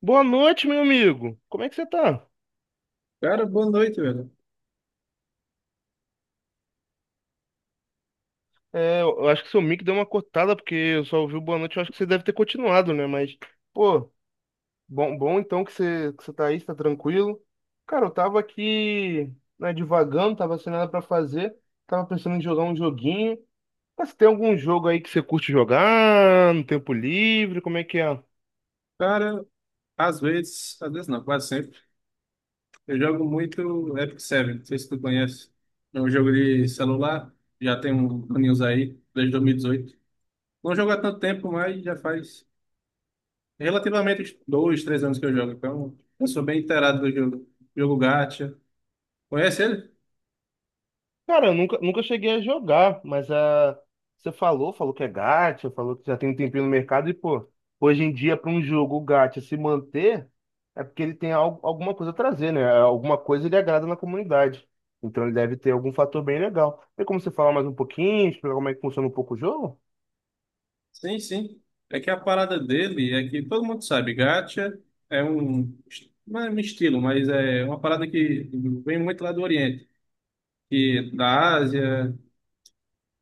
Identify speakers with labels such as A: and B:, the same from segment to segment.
A: Boa noite, meu amigo. Como é que você tá?
B: Cara, boa noite, velho.
A: É, eu acho que seu mic deu uma cortada, porque eu só ouvi o boa noite. Eu acho que você deve ter continuado, né? Mas, pô, bom então que você tá aí, você tá tranquilo. Cara, eu tava aqui, né, divagando, tava sem nada pra fazer. Tava pensando em jogar um joguinho. Mas tem algum jogo aí que você curte jogar no tempo livre? Como é que é?
B: Cara, às vezes não, quase sempre, eu jogo muito Epic Seven, não sei se tu conhece. É um jogo de celular, já tem um aninhos aí, desde 2018. Não jogo há tanto tempo, mas já faz relativamente dois, três anos que eu jogo, então eu sou bem inteirado do jogo. Jogo Gacha. Conhece ele?
A: Cara, eu nunca cheguei a jogar, mas você falou que é gacha, falou que já tem um tempinho no mercado e, pô, hoje em dia, para um jogo gacha se manter, é porque ele tem alguma coisa a trazer, né? É, alguma coisa ele agrada na comunidade. Então ele deve ter algum fator bem legal. Tem como você falar mais um pouquinho, explicar como é que funciona um pouco o jogo?
B: Sim, sim. É que a parada dele é que todo mundo sabe, Gacha é um, não é um estilo, mas é uma parada que vem muito lá do Oriente e da Ásia.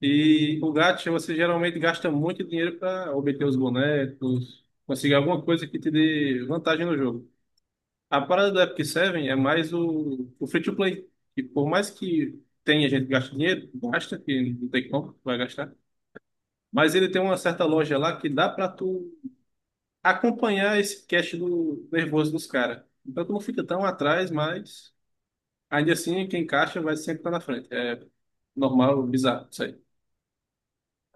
B: E o gacha, você geralmente gasta muito dinheiro para obter os bonecos, conseguir alguma coisa que te dê vantagem no jogo. A parada do Epic Seven é mais o free to play. E por mais que tenha gente que gasta dinheiro, gasta, que não tem como, vai gastar. Mas ele tem uma certa loja lá que dá para tu acompanhar esse cash do nervoso dos caras. Então tu não fica tão atrás, mas ainda assim quem caixa vai sempre estar na frente. É normal, bizarro, isso aí.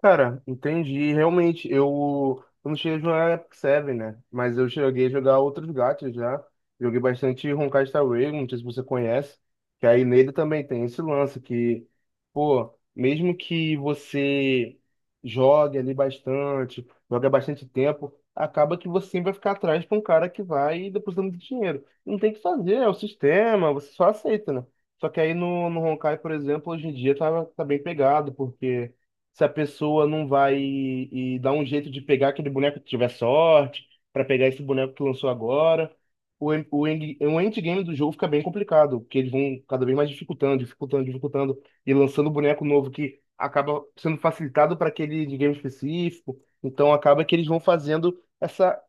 A: Cara, entendi. Realmente, eu não cheguei a jogar Epic Seven, né? Mas eu cheguei a jogar outros gatos já. Joguei bastante Honkai Star Rail, não sei se você conhece. Que aí nele também tem esse lance que, pô, mesmo que você jogue ali bastante, jogue há bastante tempo, acaba que você sempre vai ficar atrás pra um cara que vai depositando dinheiro. Não tem o que fazer, é o sistema, você só aceita, né? Só que aí no Honkai, por exemplo, hoje em dia tá bem pegado, porque se a pessoa não vai e dar um jeito de pegar aquele boneco que tiver sorte, pra pegar esse boneco que lançou agora. O endgame do jogo fica bem complicado, porque eles vão cada vez mais dificultando, e lançando boneco novo que acaba sendo facilitado para aquele endgame específico. Então acaba que eles vão fazendo essa,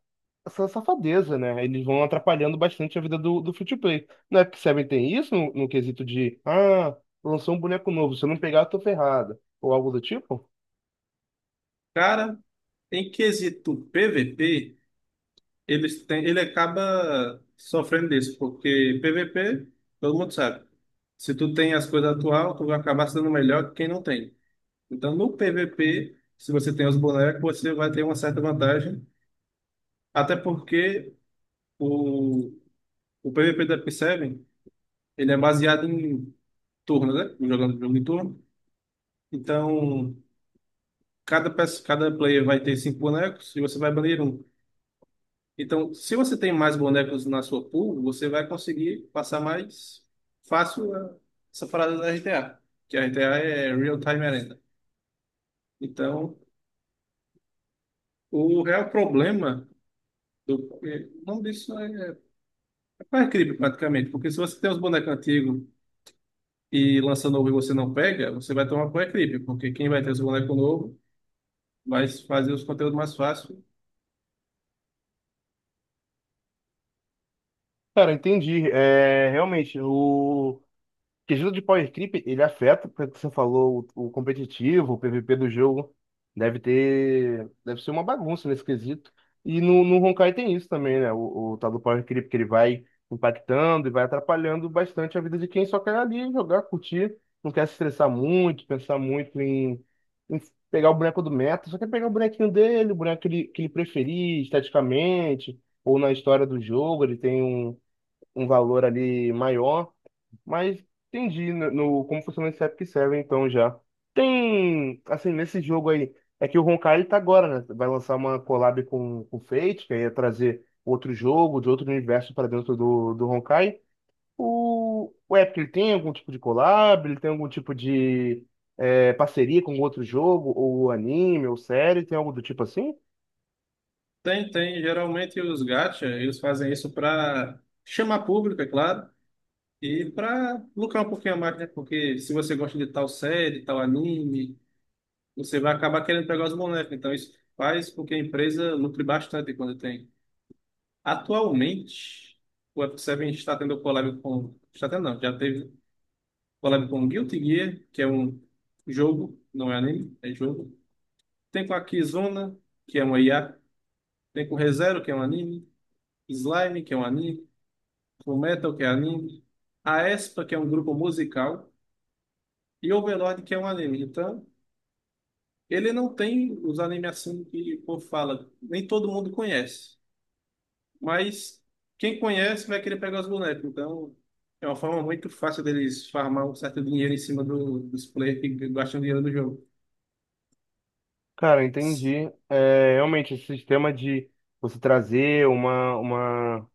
A: essa safadeza, né? Eles vão atrapalhando bastante a vida do free-to-play. Não é que Seven tem isso no quesito de, lançou um boneco novo, se eu não pegar, eu tô ferrado, ou algo do tipo?
B: Cara, em quesito PVP, eles tem ele acaba sofrendo disso, porque PVP, todo mundo sabe. Se tu tem as coisas atual, tu vai acabar sendo melhor que quem não tem. Então, no PVP, se você tem os bonecos, você vai ter uma certa vantagem, até porque o, o PVP da Epic Seven, ele é baseado em turno, né? Jogando jogo em turno. Então, cada player vai ter cinco bonecos e você vai banir um. Então, se você tem mais bonecos na sua pool, você vai conseguir passar mais fácil essa parada da RTA, que a RTA é Real Time Arena. Então, o real problema o nome disso é creep praticamente, porque se você tem os bonecos antigos e lança novo e você não pega, você vai tomar por creep, porque quem vai ter os bonecos novos vai fazer os conteúdos mais fácil.
A: Cara, entendi. É, realmente, o quesito de Power Creep, ele afeta, pelo que você falou, o competitivo, o PVP do jogo. Deve ter, deve ser uma bagunça nesse quesito. E no Honkai tem isso também, né? O tal do Power Creep, que ele vai impactando e vai atrapalhando bastante a vida de quem só quer ali jogar, curtir, não quer se estressar muito, pensar muito em, em pegar o boneco do meta, só quer pegar o bonequinho dele, o boneco que ele preferir esteticamente, ou na história do jogo, ele tem um valor ali maior, mas entendi como funciona esse Epic Seven então já. Tem, assim, nesse jogo aí, é que o Honkai ele tá agora, né? Vai lançar uma collab com o Fate, que aí ia trazer outro jogo de outro universo para dentro do Honkai. O Epic ele tem algum tipo de collab, ele tem algum tipo de parceria com outro jogo, ou anime, ou série, tem algo do tipo assim?
B: Tem, geralmente os gacha, eles fazem isso para chamar público, é claro, e para lucrar um pouquinho a mais, né? Porque se você gosta de tal série, tal anime, você vai acabar querendo pegar os bonecos. Então isso faz com que a empresa lucre bastante quando tem. Atualmente, o F7 está tendo collab com... Está tendo não, já teve collab com Guilty Gear, que é um jogo, não é anime, é jogo. Tem com a Kizuna, que é uma IA. Tem com ReZero, que é um anime. Slime, que é um anime. Com Metal, que é anime. A Aespa, que é um grupo musical. E Overlord, que é um anime. Então, ele não tem os animes assim que o povo fala, nem todo mundo conhece. Mas quem conhece vai querer pegar os bonecos. Então é uma forma muito fácil deles farmar um certo dinheiro em cima do, dos players que gastam dinheiro do jogo.
A: Cara, entendi. É, realmente, esse sistema de você trazer uma, uma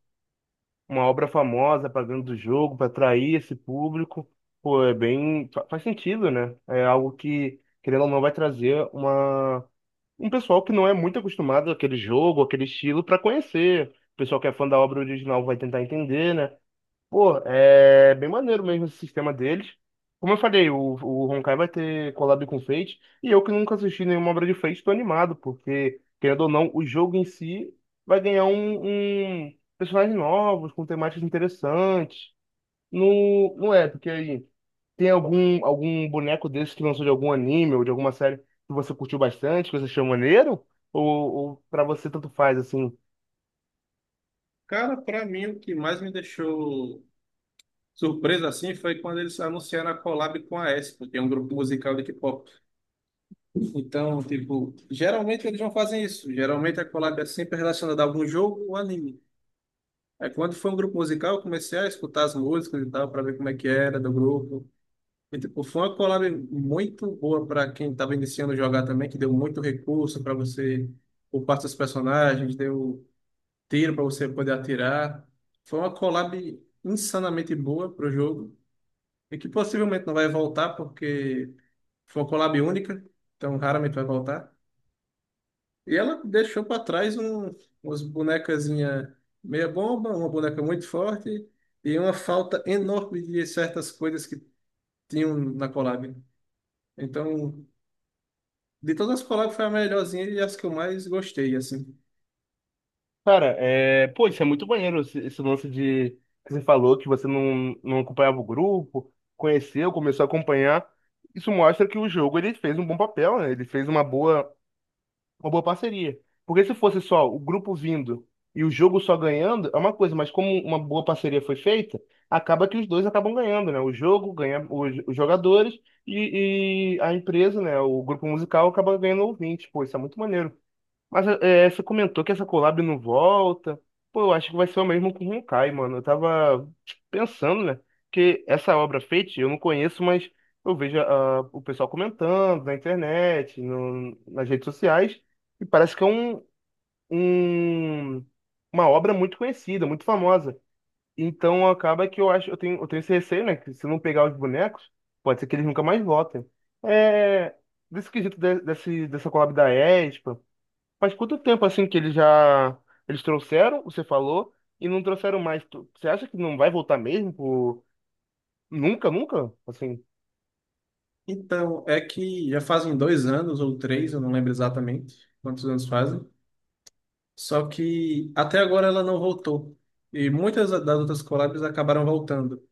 A: uma obra famosa para dentro do jogo, para atrair esse público, pô, é bem, faz sentido, né? É algo que, querendo ou não, vai trazer uma, um pessoal que não é muito acostumado àquele jogo, àquele estilo, para conhecer. O pessoal que é fã da obra original vai tentar entender, né? Pô, é bem maneiro mesmo esse sistema deles. Como eu falei, o Honkai vai ter collab com Fate, e eu que nunca assisti nenhuma obra de Fate, tô animado, porque, querendo ou não, o jogo em si vai ganhar um personagens novos, com temáticas interessantes. Não, porque aí tem algum boneco desse que lançou de algum anime ou de alguma série que você curtiu bastante, que você achou maneiro? Ou pra você tanto faz, assim?
B: Cara, pra mim o que mais me deixou surpreso assim foi quando eles anunciaram a collab com a Espa, que é um grupo musical de K-pop. Então, tipo, geralmente eles não fazem isso. Geralmente a collab é sempre relacionada a algum jogo ou anime. É, quando foi um grupo musical, eu comecei a escutar as músicas e tal, para ver como é que era do grupo. E, tipo, foi uma collab muito boa para quem estava iniciando a jogar também, que deu muito recurso para você, por parte dos personagens, deu tiro para você poder atirar. Foi uma collab insanamente boa para o jogo, e que possivelmente não vai voltar, porque foi uma collab única, então raramente vai voltar. E ela deixou para trás um, umas bonecazinha meia bomba, uma boneca muito forte e uma falta enorme de certas coisas que tinham na collab. Então, de todas as collabs foi a melhorzinha e as que eu mais gostei, assim.
A: Cara, é... pô, isso é muito maneiro, esse lance de que você falou que você não acompanhava o grupo, conheceu, começou a acompanhar. Isso mostra que o jogo ele fez um bom papel, né? Ele fez uma boa parceria. Porque se fosse só o grupo vindo e o jogo só ganhando, é uma coisa, mas como uma boa parceria foi feita, acaba que os dois acabam ganhando, né? O jogo ganha os jogadores e a empresa, né? O grupo musical acaba ganhando ouvintes. Pô, isso é muito maneiro. Mas é, você comentou que essa collab não volta. Pô, eu acho que vai ser o mesmo com Honkai, mano. Eu tava tipo, pensando, né? Que essa obra Fate eu não conheço, mas eu vejo o pessoal comentando na internet, nas redes sociais, e parece que é um- uma obra muito conhecida, muito famosa. Então acaba que eu acho, eu tenho esse receio, né? Que se eu não pegar os bonecos, pode ser que eles nunca mais voltem. É, desse dessa collab da Espa. Faz quanto tempo assim que eles trouxeram, você falou, e não trouxeram mais? Você acha que não vai voltar mesmo? Nunca, nunca? Assim,
B: Então, é que já fazem dois anos ou três, eu não lembro exatamente quantos anos fazem. Só que até agora ela não voltou. E muitas das outras collabs acabaram voltando.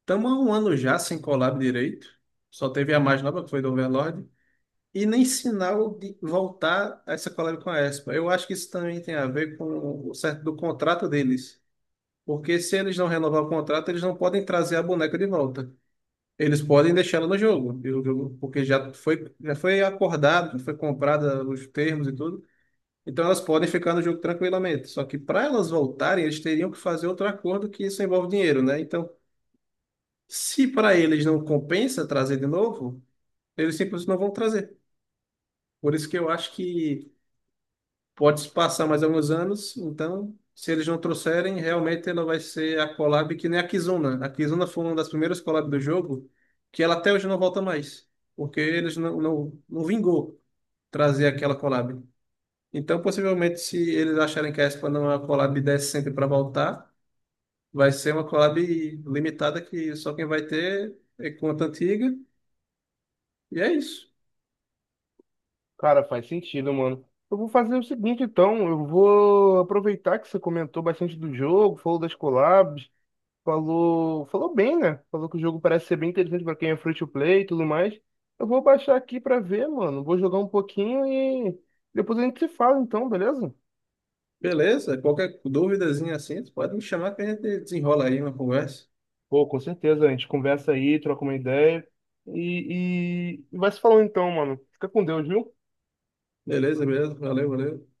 B: Estamos há um ano já sem collab direito. Só teve a mais nova, que foi do Overlord. E nem sinal de voltar a essa collab com a Espa. Eu acho que isso também tem a ver com o certo do contrato deles. Porque se eles não renovar o contrato, eles não podem trazer a boneca de volta. Eles podem deixá-la no jogo, e o jogo- porque já foi acordado, já foi comprada os termos e tudo. Então elas podem ficar no jogo tranquilamente. Só que para elas voltarem, eles teriam que fazer outro acordo que isso envolve dinheiro, né? Então, se para eles não compensa trazer de novo, eles simplesmente não vão trazer. Por isso que eu acho que pode se passar mais alguns anos, então, se eles não trouxerem, realmente ela vai ser a collab que nem a Kizuna. A Kizuna foi uma das primeiras collabs do jogo que ela até hoje não volta mais, porque eles não vingou trazer aquela collab. Então, possivelmente, se eles acharem que a Espa não é uma collab decente para voltar, vai ser uma collab limitada que só quem vai ter é conta antiga, e é isso.
A: cara, faz sentido, mano. Eu vou fazer o seguinte, então, eu vou aproveitar que você comentou bastante do jogo, falou das collabs, falou bem, né? Falou que o jogo parece ser bem interessante pra quem é free to play e tudo mais. Eu vou baixar aqui pra ver, mano. Vou jogar um pouquinho e depois a gente se fala, então, beleza?
B: Beleza, qualquer duvidazinha assim, pode me chamar que a gente desenrola aí uma conversa.
A: Pô, com certeza, a gente conversa aí, troca uma ideia e vai se falando então, mano. Fica com Deus, viu?
B: Beleza, beleza. Valeu, valeu.